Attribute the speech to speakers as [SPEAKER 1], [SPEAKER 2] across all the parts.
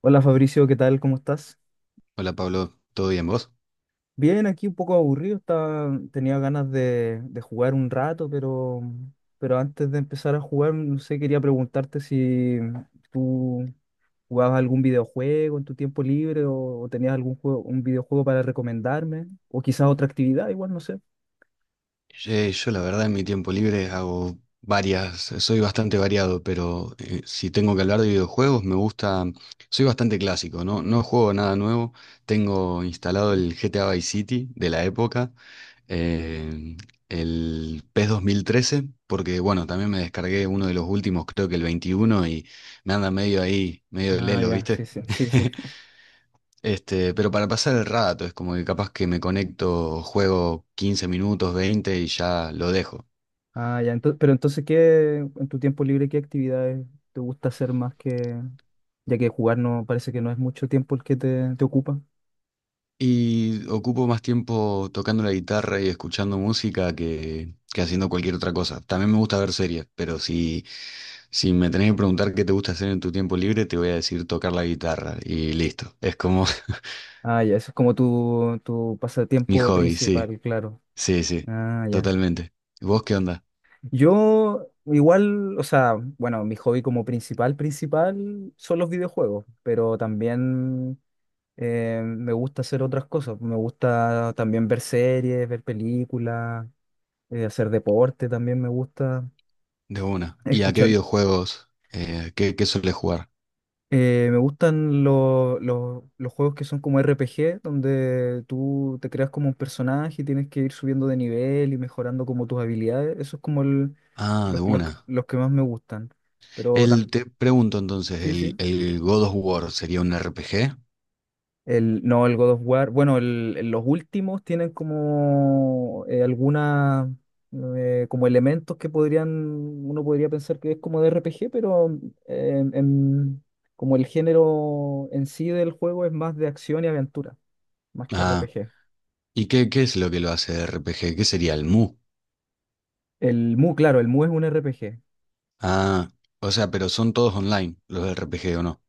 [SPEAKER 1] Hola Fabricio, ¿qué tal? ¿Cómo estás?
[SPEAKER 2] Hola Pablo, ¿todo bien vos?
[SPEAKER 1] Bien, aquí un poco aburrido, tenía ganas de jugar un rato, pero antes de empezar a jugar, no sé, quería preguntarte si tú jugabas algún videojuego en tu tiempo libre o tenías algún juego, un videojuego para recomendarme, o quizás otra actividad, igual, no sé.
[SPEAKER 2] Yo la verdad en mi tiempo libre hago varias, soy bastante variado, pero si tengo que hablar de videojuegos me gusta, soy bastante clásico, ¿no? No juego nada nuevo, tengo instalado el GTA Vice City de la época, eh, el PES 2013, porque bueno, también me descargué uno de los últimos, creo que el 21, y me anda medio ahí, medio
[SPEAKER 1] Ah,
[SPEAKER 2] lelo,
[SPEAKER 1] ya, sí,
[SPEAKER 2] ¿viste?
[SPEAKER 1] sí, sí, sí.
[SPEAKER 2] Pero para pasar el rato, es como que capaz que me conecto, juego 15 minutos, 20 y ya lo dejo.
[SPEAKER 1] Ah, ya, entonces, pero entonces, ¿qué, en tu tiempo libre, qué actividades te gusta hacer más que, ya que jugar no, parece que no es mucho tiempo el que te ocupa?
[SPEAKER 2] Y ocupo más tiempo tocando la guitarra y escuchando música que haciendo cualquier otra cosa. También me gusta ver series, pero si me tenés que preguntar qué te gusta hacer en tu tiempo libre, te voy a decir tocar la guitarra y listo. Es como
[SPEAKER 1] Ah, ya, eso es como tu
[SPEAKER 2] mi
[SPEAKER 1] pasatiempo
[SPEAKER 2] hobby, sí,
[SPEAKER 1] principal, claro.
[SPEAKER 2] sí, sí,
[SPEAKER 1] Ah, ya.
[SPEAKER 2] totalmente. ¿Y vos qué onda?
[SPEAKER 1] Yo igual, o sea, bueno, mi hobby como principal, principal son los videojuegos, pero también me gusta hacer otras cosas. Me gusta también ver series, ver películas, hacer deporte también me gusta,
[SPEAKER 2] De una. ¿Y a qué
[SPEAKER 1] escuchar.
[SPEAKER 2] videojuegos? ¿Qué, qué sueles jugar?
[SPEAKER 1] Me gustan los juegos que son como RPG, donde tú te creas como un personaje y tienes que ir subiendo de nivel y mejorando como tus habilidades. Eso es como
[SPEAKER 2] Ah,
[SPEAKER 1] los,
[SPEAKER 2] de una.
[SPEAKER 1] los que más me gustan. Pero también,
[SPEAKER 2] Te pregunto entonces,
[SPEAKER 1] sí, sí.
[SPEAKER 2] ¿el God of War sería un RPG?
[SPEAKER 1] El, no, el God of War. Bueno, los últimos tienen como algunas como elementos que podrían, uno podría pensar que es como de RPG, pero eh, en- como el género en sí del juego es más de acción y aventura, más que
[SPEAKER 2] Ah,
[SPEAKER 1] RPG.
[SPEAKER 2] ¿y qué, qué es lo que lo hace RPG? ¿Qué sería el Mu?
[SPEAKER 1] El Mu, claro, el Mu es un RPG.
[SPEAKER 2] Ah, o sea, pero son todos online los RPG o no.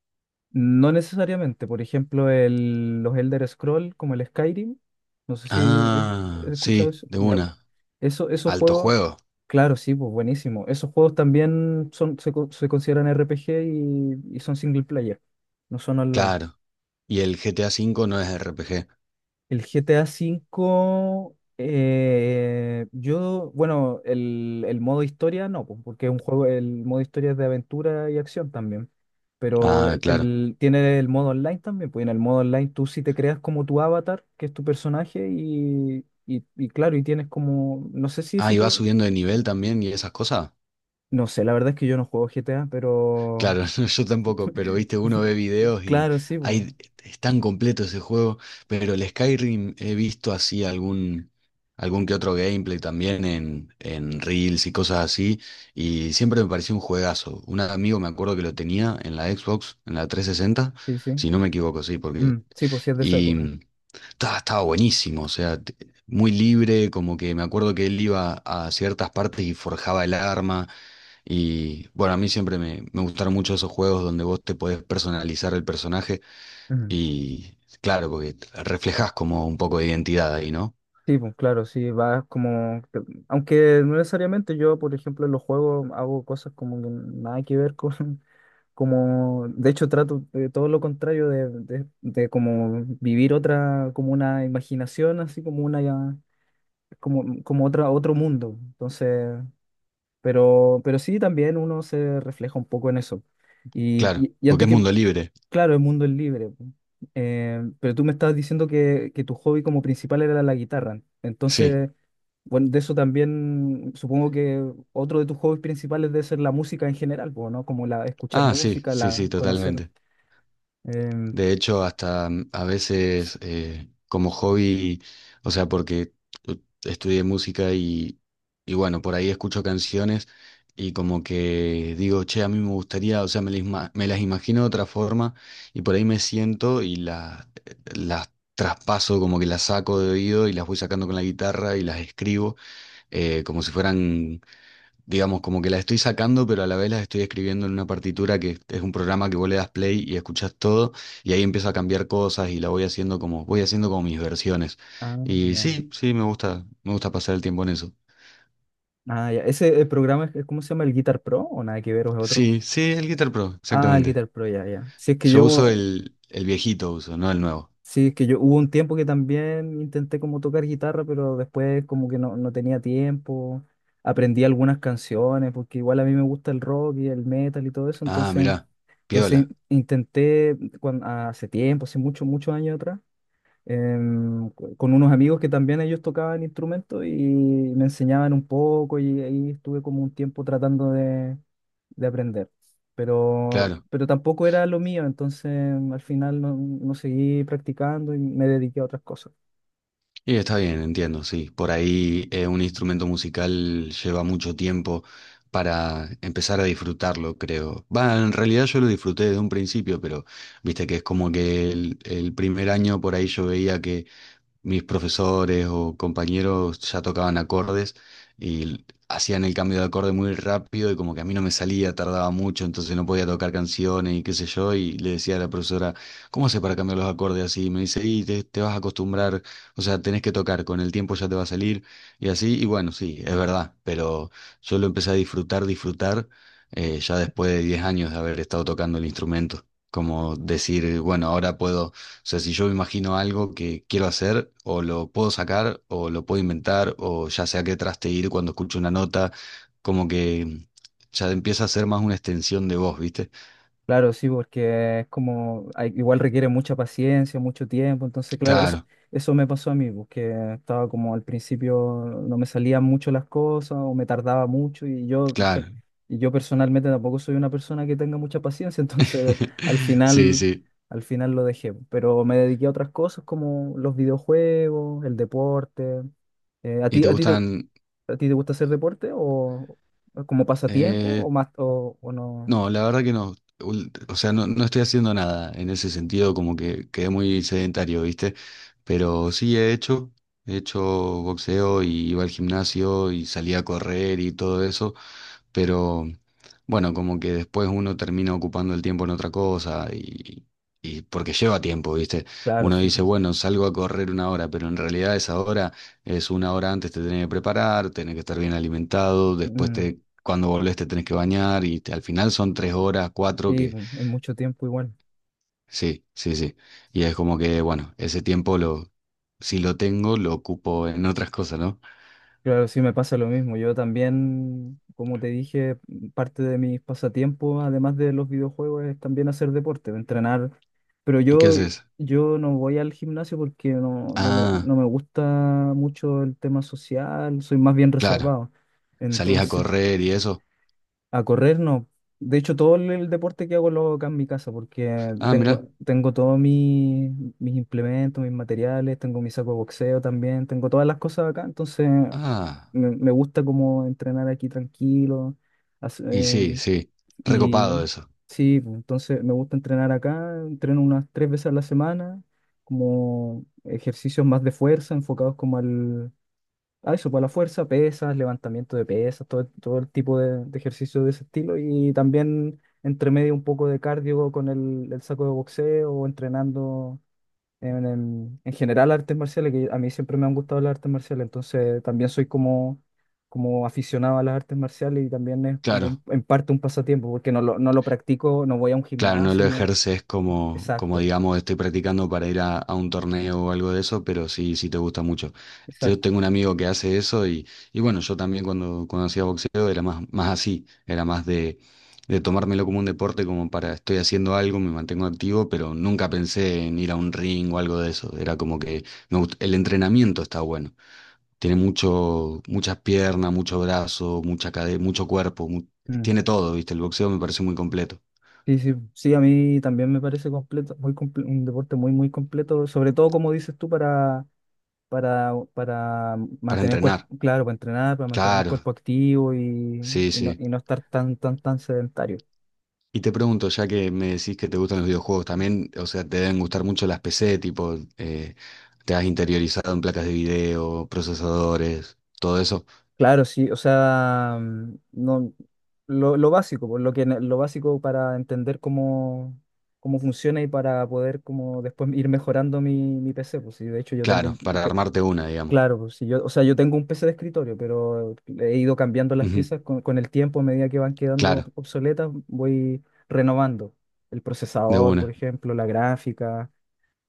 [SPEAKER 1] No necesariamente, por ejemplo, el, los Elder Scroll como el Skyrim, no sé si he,
[SPEAKER 2] Ah,
[SPEAKER 1] he escuchado
[SPEAKER 2] sí,
[SPEAKER 1] eso.
[SPEAKER 2] de
[SPEAKER 1] Ya, bueno,
[SPEAKER 2] una.
[SPEAKER 1] eso, esos
[SPEAKER 2] Alto
[SPEAKER 1] juegos,
[SPEAKER 2] juego,
[SPEAKER 1] claro, sí, pues buenísimo. Esos juegos también se consideran RPG y son single player, no son online.
[SPEAKER 2] claro. Y el GTA V no es RPG.
[SPEAKER 1] El GTA V, yo, bueno, el modo historia no, po, porque es un juego, el modo historia es de aventura y acción también, pero
[SPEAKER 2] Ah, claro.
[SPEAKER 1] tiene el modo online también, pues y en el modo online tú sí te creas como tu avatar, que es tu personaje, y claro, y tienes como, no sé si
[SPEAKER 2] Ah,
[SPEAKER 1] se
[SPEAKER 2] ¿y va
[SPEAKER 1] puede,
[SPEAKER 2] subiendo de nivel también y esas cosas?
[SPEAKER 1] no sé, la verdad es que yo no juego GTA, pero
[SPEAKER 2] Claro, no, yo tampoco, pero viste, uno ve videos y
[SPEAKER 1] claro, sí, pues,
[SPEAKER 2] hay, es tan completo ese juego, pero el Skyrim he visto así algún, algún que otro gameplay también en Reels y cosas así, y siempre me pareció un juegazo. Un amigo me acuerdo que lo tenía en la Xbox, en la 360,
[SPEAKER 1] sí, sí.
[SPEAKER 2] si no me equivoco, sí, porque...
[SPEAKER 1] Mm, sí, pues sí es de esa época.
[SPEAKER 2] Y, estaba buenísimo, o sea, muy libre, como que me acuerdo que él iba a ciertas partes y forjaba el arma. Y bueno, a mí siempre me gustaron mucho esos juegos donde vos te podés personalizar el personaje y claro, porque reflejás como un poco de identidad ahí, ¿no?
[SPEAKER 1] Sí, pues claro, sí, va como... Aunque no necesariamente yo, por ejemplo, en los juegos hago cosas como que nada que ver con... Como, de hecho, trato de todo lo contrario de como vivir otra, como una imaginación, así como como, como otra, otro mundo. Entonces, pero sí, también uno se refleja un poco en eso. Y,
[SPEAKER 2] Claro,
[SPEAKER 1] y, y
[SPEAKER 2] porque
[SPEAKER 1] antes
[SPEAKER 2] es
[SPEAKER 1] que,
[SPEAKER 2] mundo libre.
[SPEAKER 1] claro, el mundo es libre, po. Pero tú me estabas diciendo que tu hobby como principal era la guitarra.
[SPEAKER 2] Sí.
[SPEAKER 1] Entonces, bueno, de eso también supongo que otro de tus hobbies principales debe ser la música en general, po, ¿no? Como la escuchar
[SPEAKER 2] Ah, sí,
[SPEAKER 1] música,
[SPEAKER 2] sí,
[SPEAKER 1] la
[SPEAKER 2] sí,
[SPEAKER 1] conocer.
[SPEAKER 2] totalmente.
[SPEAKER 1] em,
[SPEAKER 2] De hecho, hasta a veces como hobby, o sea, porque u- estudié música y bueno, por ahí escucho canciones y como que digo, che, a mí me gustaría, o sea, me, me las imagino de otra forma y por ahí me siento y la las traspaso, como que las saco de oído y las voy sacando con la guitarra y las escribo como si fueran digamos, como que las estoy sacando, pero a la vez las estoy escribiendo en una partitura que es un programa que vos le das play y escuchás todo, y ahí empiezo a cambiar cosas y la voy haciendo como mis versiones.
[SPEAKER 1] ah,
[SPEAKER 2] Y
[SPEAKER 1] ya.
[SPEAKER 2] sí, sí, me gusta pasar el tiempo en eso.
[SPEAKER 1] Ah, ya. Ese programa es, ¿cómo se llama? ¿El Guitar Pro o nada que ver o es otro?
[SPEAKER 2] Sí, sí, el Guitar Pro,
[SPEAKER 1] Ah, el
[SPEAKER 2] exactamente.
[SPEAKER 1] Guitar Pro, ya, ya. Si es que
[SPEAKER 2] Yo uso
[SPEAKER 1] yo.
[SPEAKER 2] el viejito uso, no el nuevo.
[SPEAKER 1] Sí, es que yo hubo un tiempo que también intenté como tocar guitarra, pero después como que no tenía tiempo. Aprendí algunas canciones, porque igual a mí me gusta el rock y el metal y todo eso.
[SPEAKER 2] Ah,
[SPEAKER 1] Entonces,
[SPEAKER 2] mirá,
[SPEAKER 1] entonces
[SPEAKER 2] piola,
[SPEAKER 1] hace tiempo, hace muchos, muchos años atrás con unos amigos que también ellos tocaban instrumentos y me enseñaban un poco y ahí estuve como un tiempo tratando de aprender.
[SPEAKER 2] claro.
[SPEAKER 1] Pero tampoco era lo mío, entonces al final no seguí practicando y me dediqué a otras cosas.
[SPEAKER 2] Y está bien, entiendo, sí. Por ahí un instrumento musical lleva mucho tiempo para empezar a disfrutarlo, creo. Va, en realidad yo lo disfruté desde un principio, pero viste que es como que el primer año por ahí yo veía que mis profesores o compañeros ya tocaban acordes y hacían el cambio de acorde muy rápido y como que a mí no me salía, tardaba mucho, entonces no podía tocar canciones y qué sé yo, y le decía a la profesora, ¿cómo haces para cambiar los acordes así? Y me dice, y te vas a acostumbrar, o sea, tenés que tocar, con el tiempo ya te va a salir y así, y bueno, sí, es verdad, pero yo lo empecé a disfrutar, disfrutar, ya después de 10 años de haber estado tocando el instrumento. Como decir, bueno, ahora puedo o sea, si yo me imagino algo que quiero hacer, o lo puedo sacar, o lo puedo inventar, o ya sé a qué traste ir cuando escucho una nota, como que ya empieza a ser más una extensión de voz, ¿viste?
[SPEAKER 1] Claro, sí, porque es como, igual requiere mucha paciencia, mucho tiempo, entonces, claro, eso,
[SPEAKER 2] Claro,
[SPEAKER 1] eso me pasó a mí, porque estaba como al principio, no me salían mucho las cosas o me tardaba mucho y
[SPEAKER 2] claro.
[SPEAKER 1] y yo personalmente tampoco soy una persona que tenga mucha paciencia, entonces al
[SPEAKER 2] Sí,
[SPEAKER 1] final,
[SPEAKER 2] sí.
[SPEAKER 1] al final lo dejé, pues, pero me dediqué a otras cosas como los videojuegos, el deporte. ¿A
[SPEAKER 2] ¿Y te
[SPEAKER 1] ti te,
[SPEAKER 2] gustan?
[SPEAKER 1] a ti te gusta hacer deporte o como pasatiempo o
[SPEAKER 2] eh,
[SPEAKER 1] más o no?
[SPEAKER 2] no, la verdad que no. O sea, no, no estoy haciendo nada en ese sentido, como que quedé muy sedentario, ¿viste? Pero sí he hecho boxeo y iba al gimnasio y salía a correr y todo eso. Pero bueno, como que después uno termina ocupando el tiempo en otra cosa y porque lleva tiempo, ¿viste?
[SPEAKER 1] Claro,
[SPEAKER 2] Uno
[SPEAKER 1] sí,
[SPEAKER 2] dice,
[SPEAKER 1] pues.
[SPEAKER 2] bueno, salgo a correr una hora, pero en realidad esa hora es una hora antes te tenés que preparar, tenés que estar bien alimentado, después
[SPEAKER 1] Mm,
[SPEAKER 2] cuando volvés te tenés que bañar y al final son 3 horas, 4
[SPEAKER 1] sí,
[SPEAKER 2] que
[SPEAKER 1] pues, en mucho tiempo igual.
[SPEAKER 2] sí, sí, sí. Y es como que, bueno, ese tiempo si lo tengo, lo ocupo en otras cosas, ¿no?
[SPEAKER 1] Claro, sí me pasa lo mismo. Yo también, como te dije, parte de mis pasatiempos, además de los videojuegos, es también hacer deporte, entrenar. Pero
[SPEAKER 2] ¿Y qué
[SPEAKER 1] yo,
[SPEAKER 2] haces?
[SPEAKER 1] yo no voy al gimnasio porque
[SPEAKER 2] Ah,
[SPEAKER 1] no me gusta mucho el tema social, soy más bien
[SPEAKER 2] claro,
[SPEAKER 1] reservado.
[SPEAKER 2] salís a
[SPEAKER 1] Entonces,
[SPEAKER 2] correr y eso.
[SPEAKER 1] a correr no. De hecho, todo el deporte que hago lo hago acá en mi casa porque
[SPEAKER 2] Ah, mirá.
[SPEAKER 1] tengo todos mis implementos, mis materiales, tengo mi saco de boxeo también, tengo todas las cosas acá, entonces
[SPEAKER 2] Ah,
[SPEAKER 1] me gusta como entrenar aquí tranquilo. hace-
[SPEAKER 2] y sí,
[SPEAKER 1] em,
[SPEAKER 2] sí,
[SPEAKER 1] y
[SPEAKER 2] recopado eso.
[SPEAKER 1] sí, pues, entonces me gusta entrenar acá, entreno unas 3 veces a la semana, como ejercicios más de fuerza, enfocados como al, a eso, para la fuerza, pesas, levantamiento de pesas, todo, todo el tipo de ejercicio de ese estilo y también entre medio un poco de cardio con el saco de boxeo o entrenando en general artes marciales, que a mí siempre me han gustado las artes marciales, entonces también soy como, como aficionado a las artes marciales y también es como
[SPEAKER 2] Claro,
[SPEAKER 1] en parte un pasatiempo, porque no lo practico, no voy a un
[SPEAKER 2] claro, no
[SPEAKER 1] gimnasio,
[SPEAKER 2] lo
[SPEAKER 1] ni...
[SPEAKER 2] ejerces como, como
[SPEAKER 1] Exacto,
[SPEAKER 2] digamos, estoy practicando para ir a un torneo o algo de eso, pero sí, sí te gusta mucho. Yo
[SPEAKER 1] exacto.
[SPEAKER 2] tengo un amigo que hace eso y bueno, yo también cuando hacía boxeo era más, más así, era más de tomármelo como un deporte, como para estoy haciendo algo, me mantengo activo, pero nunca pensé en ir a un ring o algo de eso. Era como que el entrenamiento está bueno. Tiene muchas piernas, mucho brazo, mucha cadera, mucho cuerpo.
[SPEAKER 1] Mm.
[SPEAKER 2] Tiene todo, ¿viste? El boxeo me parece muy completo.
[SPEAKER 1] Sí, sí, sí, a mí también me parece completo, un deporte muy, muy completo, sobre todo como dices tú, para
[SPEAKER 2] Para
[SPEAKER 1] mantener el cuerpo,
[SPEAKER 2] entrenar.
[SPEAKER 1] claro, para entrenar, para mantener el
[SPEAKER 2] Claro,
[SPEAKER 1] cuerpo activo
[SPEAKER 2] sí, sí.
[SPEAKER 1] y no estar tan, tan, tan sedentario.
[SPEAKER 2] Y te pregunto, ya que me decís que te gustan los videojuegos, también, o sea, te deben gustar mucho las PC, tipo, te has interiorizado en placas de video, procesadores, todo eso.
[SPEAKER 1] Claro, sí, o sea, no, lo básico, por lo que, lo básico para entender cómo, cómo funciona y para poder como después ir mejorando mi PC, pues sí, de hecho yo tengo,
[SPEAKER 2] Claro,
[SPEAKER 1] un.
[SPEAKER 2] para armarte una, digamos.
[SPEAKER 1] Claro, pues, si yo, o sea, yo tengo un PC de escritorio, pero he ido cambiando las
[SPEAKER 2] Ujú,
[SPEAKER 1] piezas con el tiempo, a medida que van quedando
[SPEAKER 2] claro,
[SPEAKER 1] obsoletas, voy renovando el
[SPEAKER 2] de
[SPEAKER 1] procesador, por
[SPEAKER 2] una.
[SPEAKER 1] ejemplo, la gráfica,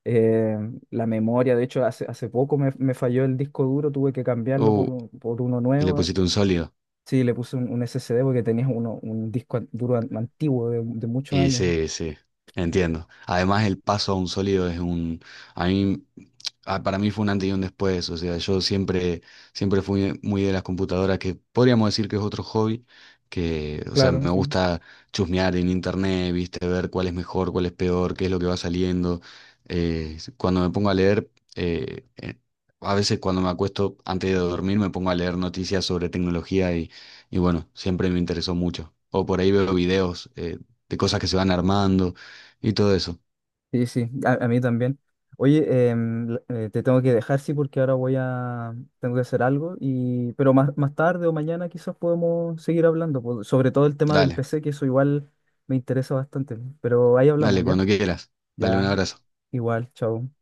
[SPEAKER 1] eh, la memoria. De hecho, hace poco me falló el disco duro, tuve que cambiarlo por,
[SPEAKER 2] Uh,
[SPEAKER 1] por uno
[SPEAKER 2] y le
[SPEAKER 1] nuevo.
[SPEAKER 2] pusiste un sólido.
[SPEAKER 1] Sí, le puse un SSD porque tenía uno, un duro antiguo de muchos
[SPEAKER 2] Y
[SPEAKER 1] años, ¿no?
[SPEAKER 2] sí, sí, entiendo. Además, el paso a un sólido es un... A mí, ah, para mí fue un antes y un después. O sea, yo siempre, siempre fui muy de las computadoras, que podríamos decir que es otro hobby, que, o sea,
[SPEAKER 1] Claro,
[SPEAKER 2] me
[SPEAKER 1] sí.
[SPEAKER 2] gusta chusmear en internet, viste, ver cuál es mejor, cuál es peor, qué es lo que va saliendo. Cuando me pongo a leer, eh, eh, a veces cuando me acuesto antes de dormir, me pongo a leer noticias sobre tecnología y bueno, siempre me interesó mucho. O por ahí veo videos. De cosas que se van armando y todo eso.
[SPEAKER 1] Sí, sí, a mí también. Oye, te tengo que dejar, sí, porque ahora voy a, tengo que hacer algo, y, pero más, más tarde o mañana quizás podemos seguir hablando, sobre todo el tema del
[SPEAKER 2] Dale,
[SPEAKER 1] PC, que eso igual me interesa bastante, pero ahí hablamos,
[SPEAKER 2] dale,
[SPEAKER 1] ¿ya?
[SPEAKER 2] cuando quieras. Dale un
[SPEAKER 1] Ya,
[SPEAKER 2] abrazo.
[SPEAKER 1] igual, chao.